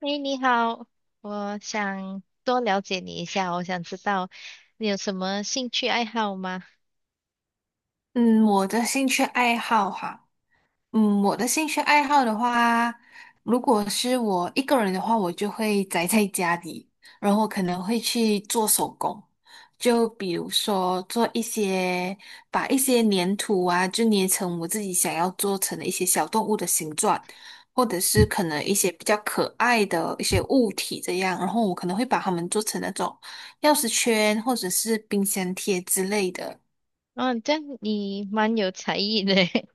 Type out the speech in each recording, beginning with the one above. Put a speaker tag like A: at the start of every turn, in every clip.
A: 哎，你好，我想多了解你一下，我想知道你有什么兴趣爱好吗？
B: 嗯，我的兴趣爱好哈，嗯，我的兴趣爱好的话，如果是我一个人的话，我就会宅在家里，然后可能会去做手工，就比如说做一些，把一些粘土啊，就捏成我自己想要做成的一些小动物的形状，或者是可能一些比较可爱的一些物体这样，然后我可能会把它们做成那种钥匙圈或者是冰箱贴之类的。
A: 哦，这样你蛮有才艺的诶。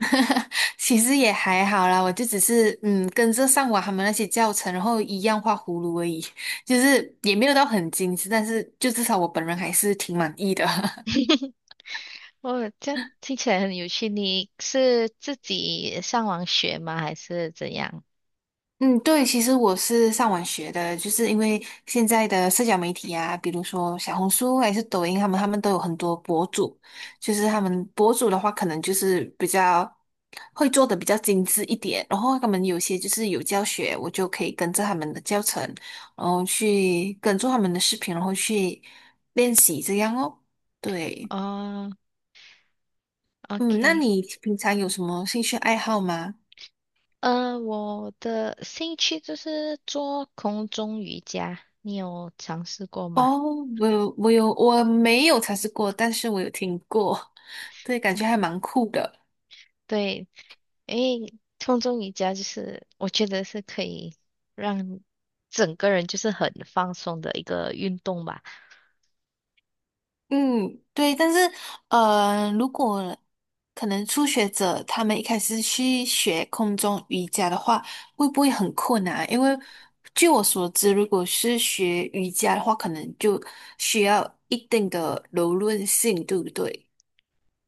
B: 其实也还好啦，我就只是嗯跟着上网他们那些教程，然后一样画葫芦而已，就是也没有到很精致，但是就至少我本人还是挺满意的。
A: 哦，这样听起来很有趣。你是自己上网学吗？还是怎样？
B: 嗯，对，其实我是上网学的，就是因为现在的社交媒体啊，比如说小红书还是抖音，他们都有很多博主，就是他们博主的话，可能就是比较会做的比较精致一点，然后他们有些就是有教学，我就可以跟着他们的教程，然后去跟着他们的视频，然后去练习这样哦。对，
A: 哦
B: 嗯，那
A: ，OK，
B: 你平常有什么兴趣爱好吗？
A: 我的兴趣就是做空中瑜伽，你有尝试过吗？
B: 哦，我有，我有，我没有尝试过，但是我有听过，对，感
A: 嗯，
B: 觉还蛮酷的。
A: 对，因为空中瑜伽就是我觉得是可以让整个人就是很放松的一个运动吧。
B: 嗯，对，但是如果可能初学者他们一开始去学空中瑜伽的话，会不会很困难啊？因为据我所知，如果是学瑜伽的话，可能就需要一定的柔韧性，对不对？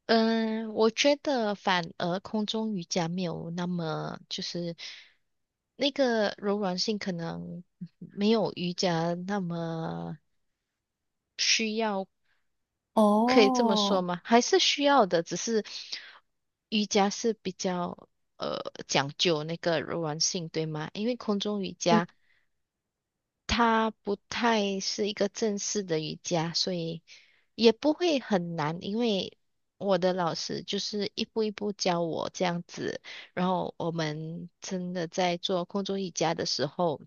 A: 嗯，我觉得反而空中瑜伽没有那么就是那个柔软性可能没有瑜伽那么需要，可以这么说
B: 哦，
A: 吗？还是需要的，只是瑜伽是比较呃讲究那个柔软性，对吗？因为空中瑜伽，它不太是一个正式的瑜伽，所以也不会很难，因为我的老师就是一步一步教我这样子，然后我们真的在做空中瑜伽的时候，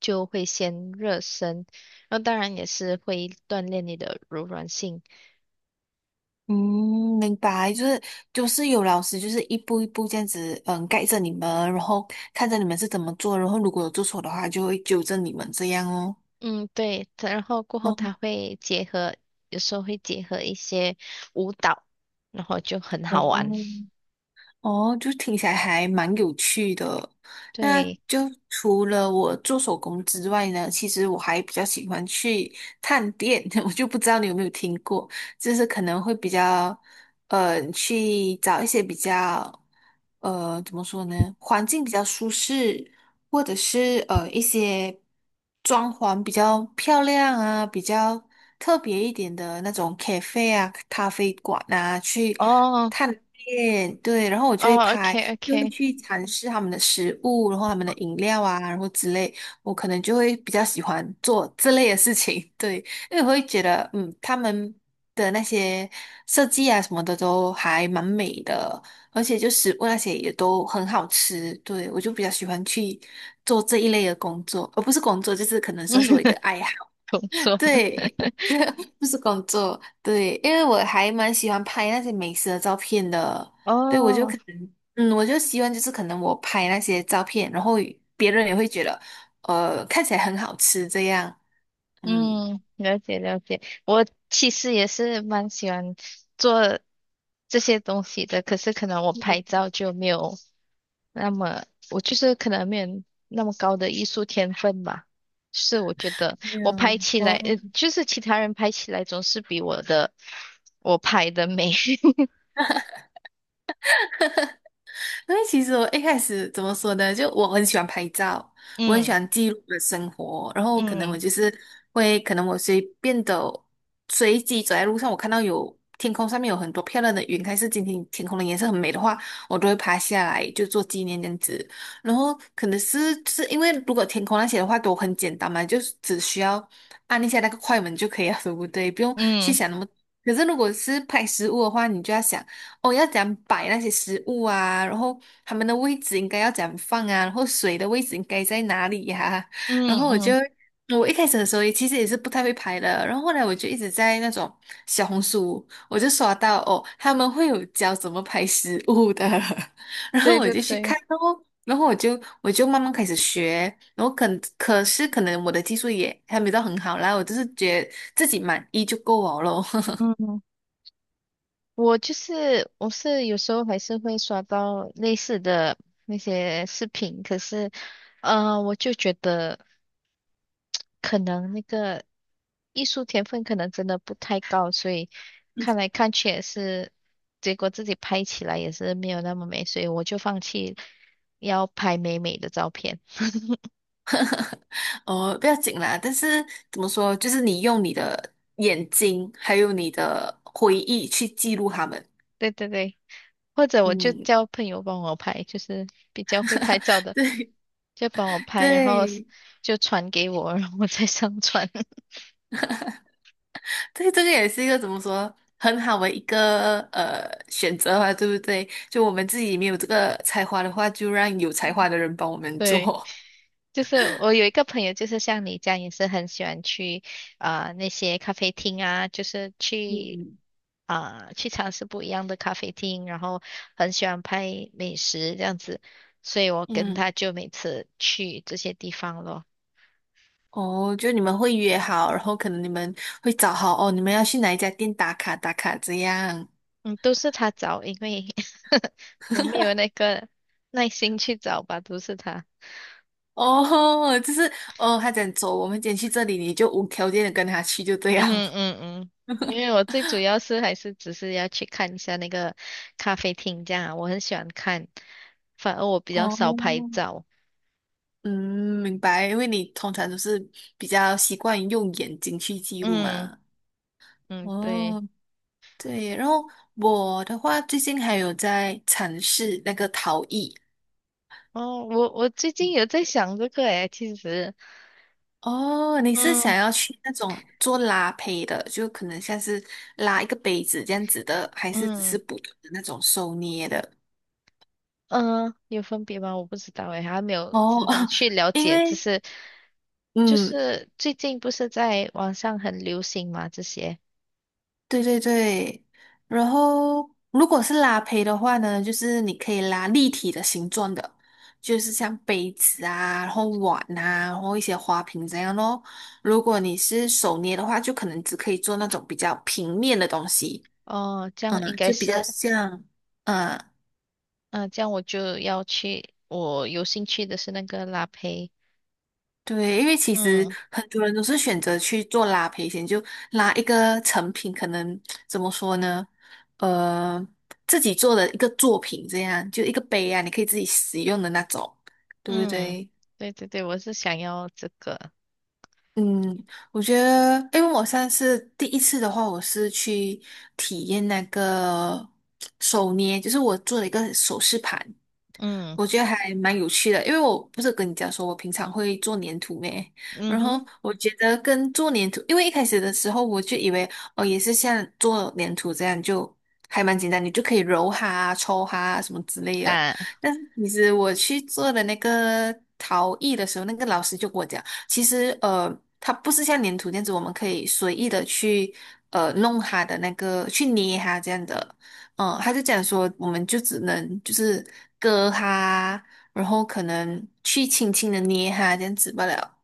A: 就会先热身，然后当然也是会锻炼你的柔软性。
B: 嗯，明白，就是有老师就是一步一步这样子，嗯，盖着你们，然后看着你们是怎么做，然后如果有做错的话，就会纠正你们这样哦。
A: 嗯，对，它然后过后它
B: 哦
A: 会结合，有时候会结合一些舞蹈，然后就很
B: 哦
A: 好玩，
B: 哦，就听起来还蛮有趣的。那
A: 对。
B: 就除了我做手工之外呢，其实我还比较喜欢去探店，我就不知道你有没有听过。就是可能会比较去找一些比较怎么说呢，环境比较舒适，或者是一些装潢比较漂亮啊，比较特别一点的那种 cafe 啊、咖啡馆啊去
A: 哦
B: 探店，对，然后我就会
A: 哦
B: 拍，
A: ，OK
B: 就会
A: OK，
B: 去尝试他们的食物，然后他们的饮料啊，然后之类，我可能就会比较喜欢做这类的事情，对，因为我会觉得，嗯，他们的那些设计啊什么的都还蛮美的，而且就食物那些也都很好吃。对，我就比较喜欢去做这一类的工作，而不是工作，就是可能算 是我一个爱好。
A: 工作。
B: 对，不是工作，对，因为我还蛮喜欢拍那些美食的照片的。对，我就
A: 哦，
B: 可能，嗯，我就希望就是可能我拍那些照片，然后别人也会觉得，看起来很好吃这样。嗯，
A: 嗯，了解了解。我其实也是蛮喜欢做这些东西的，可是可能我拍照就没有那么，我就是可能没有那么高的艺术天分吧。是我觉得
B: 没呀，
A: 我拍起来，
B: 哇，
A: 就是其他人拍起来总是比我的我拍的美。
B: 因为其实我一开始怎么说呢，就我很喜欢拍照，我很喜
A: 嗯
B: 欢记录我的生活，然后可能我
A: 嗯
B: 就是会，可能我随便的随机走在路上，我看到有天空上面有很多漂亮的云，还是今天天空的颜色很美的话，我都会拍下来就做纪念这样子。然后可能是因为如果天空那些的话都很简单嘛，就是只需要按一下那个快门就可以了，对不对？不用去
A: 嗯
B: 想那么。可是如果是拍食物的话，你就要想。哦，要怎样摆那些食物啊，然后他们的位置应该要怎样放啊，然后水的位置应该在哪里呀、
A: 嗯
B: 然
A: 嗯
B: 后我就
A: 嗯，
B: 我一开始的时候也其实也是不太会拍的，然后后来我就一直在那种小红书，我就刷到哦，他们会有教怎么拍食物的，然后
A: 对
B: 我
A: 对
B: 就去
A: 对，
B: 看哦。然后我就慢慢开始学，然后可是可能我的技术也还没到很好啦，我就是觉得自己满意就够我咯。
A: 嗯。我就是我是有时候还是会刷到类似的那些视频，可是我就觉得可能那个艺术天分可能真的不太高，所以看来看去也是，结果自己拍起来也是没有那么美，所以我就放弃要拍美美的照片。
B: 哦，不要紧啦。但是怎么说，就是你用你的眼睛，还有你的回忆去记录他们。
A: 对对对，或者我就
B: 嗯，
A: 叫朋友帮我拍，就是比较会拍照的，就帮我拍，然后
B: 对
A: 就传给我，然后我再上传。
B: 对对，这个也是一个怎么说很好的一个选择吧，对不对？就我们自己没有这个才华的话，就让有才华的人帮我们
A: 对。
B: 做。
A: 就是我有一个朋友，就是像你这样，也是很喜欢去啊那些咖啡厅啊，就是去
B: 嗯，
A: 去尝试不一样的咖啡厅，然后很喜欢拍美食这样子，所以我跟他
B: 嗯，
A: 就每次去这些地方咯。
B: 哦，就你们会约好，然后可能你们会找好哦，你们要去哪一家店打卡打卡这样。
A: 嗯，都是他找，因为 我没有那个耐心去找吧，都是他。
B: 哦，就是哦，他讲走，我们今天去这里，你就无条件的跟他去，就这
A: 嗯
B: 样。
A: 哼嗯嗯，因为我最主要是还是只是要去看一下那个咖啡厅，这样啊我很喜欢看，反而我 比较
B: 哦，
A: 少拍照。
B: 嗯，明白，因为你通常都是比较习惯于用眼睛去记录
A: 嗯
B: 嘛。
A: 嗯，对。
B: 哦，对，然后我的话最近还有在尝试那个陶艺。
A: 哦，我我最近有在想这个诶，其实，
B: 哦，你是
A: 嗯
B: 想要去那种做拉胚的，就可能像是拉一个杯子这样子的，还是只是
A: 嗯
B: 普通的那种手捏的？
A: 有分别吗？我不知道诶，还没有
B: 哦，
A: 就是去了
B: 因
A: 解，只
B: 为。
A: 是就
B: 嗯，
A: 是最近不是在网上很流行嘛这些。
B: 对对对，然后如果是拉胚的话呢，就是你可以拉立体的形状的，就是像杯子啊，然后碗啊，然后一些花瓶这样咯。如果你是手捏的话，就可能只可以做那种比较平面的东西，
A: 哦，这样应
B: 嗯，
A: 该
B: 就比较
A: 是
B: 像，嗯。
A: 嗯、这样我就要去，我有兴趣的是那个拉胚。
B: 对，因为其实
A: 嗯
B: 很多人都是选择去做拉赔险，就拉一个成品，可能怎么说呢？呃，自己做的一个作品，这样就一个杯啊，你可以自己使用的那种，对不
A: 嗯，
B: 对？
A: 对对对，我是想要这个。
B: 嗯，我觉得，因为我上次第一次的话，我是去体验那个手捏，就是我做了一个首饰盘，
A: 嗯
B: 我觉得还蛮有趣的，因为我不是跟你讲说，我平常会做粘土咩？
A: 嗯
B: 然
A: 哼
B: 后我觉得跟做粘土，因为一开始的时候我就以为哦，也是像做粘土这样，就还蛮简单，你就可以揉它啊抽它啊什么之类的。
A: 啊
B: 但是其实我去做的那个陶艺的时候，那个老师就跟我讲，其实它不是像粘土这样子，我们可以随意的去弄它的那个，去捏它这样的。嗯，他就讲说，我们就只能就是割它，然后可能去轻轻的捏它这样子不了。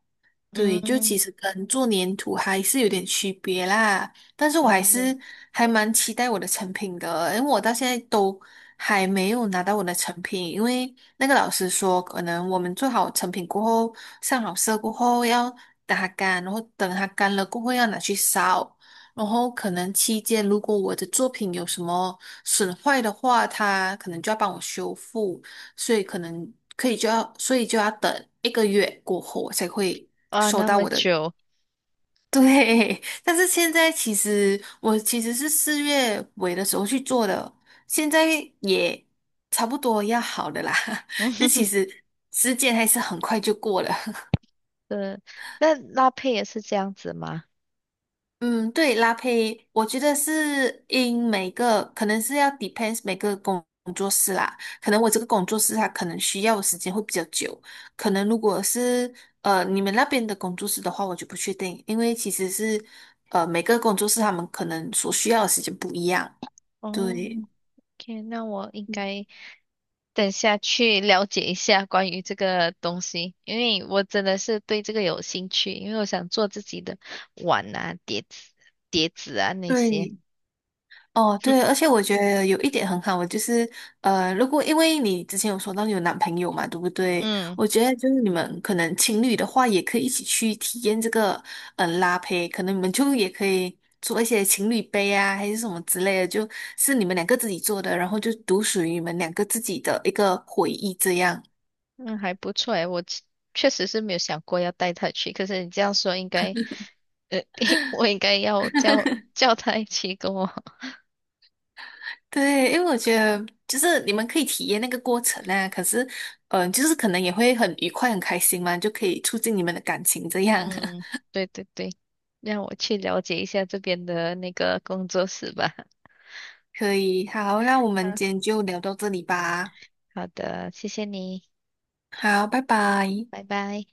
B: 对，就
A: 嗯
B: 其实跟做粘土还是有点区别啦，但是我还
A: 哦
B: 是还蛮期待我的成品的，因为我到现在都还没有拿到我的成品，因为那个老师说，可能我们做好成品过后，上好色过后要打它干，然后等它干了过后要拿去烧，然后可能期间如果我的作品有什么损坏的话，他可能就要帮我修复。所以可能可以就要，所以就要等1个月过后我才会
A: 哇，
B: 收
A: 那
B: 到
A: 么
B: 我的。
A: 久，
B: 对，但是现在其实我其实是四月尾的时候去做的，现在也差不多要好的啦，
A: 嗯
B: 就
A: 哼哼，
B: 其实时间还是很快就过了。
A: 对，那拉胚也是这样子吗？
B: 嗯，对，拉胚，我觉得是因每个可能是要 depends 每个工作室啦，可能我这个工作室它可能需要的时间会比较久，可能如果是你们那边的工作室的话，我就不确定，因为其实是每个工作室他们可能所需要的时间不一样，
A: 哦
B: 对
A: ，OK，那我应该等下去了解一下关于这个东西，因为我真的是对这个有兴趣，因为我想做自己的碗啊、碟子啊那些。
B: 对。哦，对，而 且我觉得有一点很好，我就是如果因为你之前有说到你有男朋友嘛，对不对？
A: 嗯。
B: 我觉得就是你们可能情侣的话，也可以一起去体验这个嗯，拉胚，可能你们就也可以做一些情侣杯啊，还是什么之类的，就是你们两个自己做的，然后就独属于你们两个自己的一个回忆这样。
A: 嗯，还不错诶，确实是没有想过要带他去，可是你这样说，应该，呃，我应该要叫他一起跟我。
B: 对，因为我觉得就是你们可以体验那个过程啊，可是嗯、就是可能也会很愉快、很开心嘛，就可以促进你们的感情这
A: 嗯，
B: 样。
A: 对对对，让我去了解一下这边的那个工作室吧。
B: 可以，好，那我们
A: 嗯，
B: 今天就聊到这里吧。
A: 好的，谢谢你，
B: 好，拜拜。
A: 拜拜。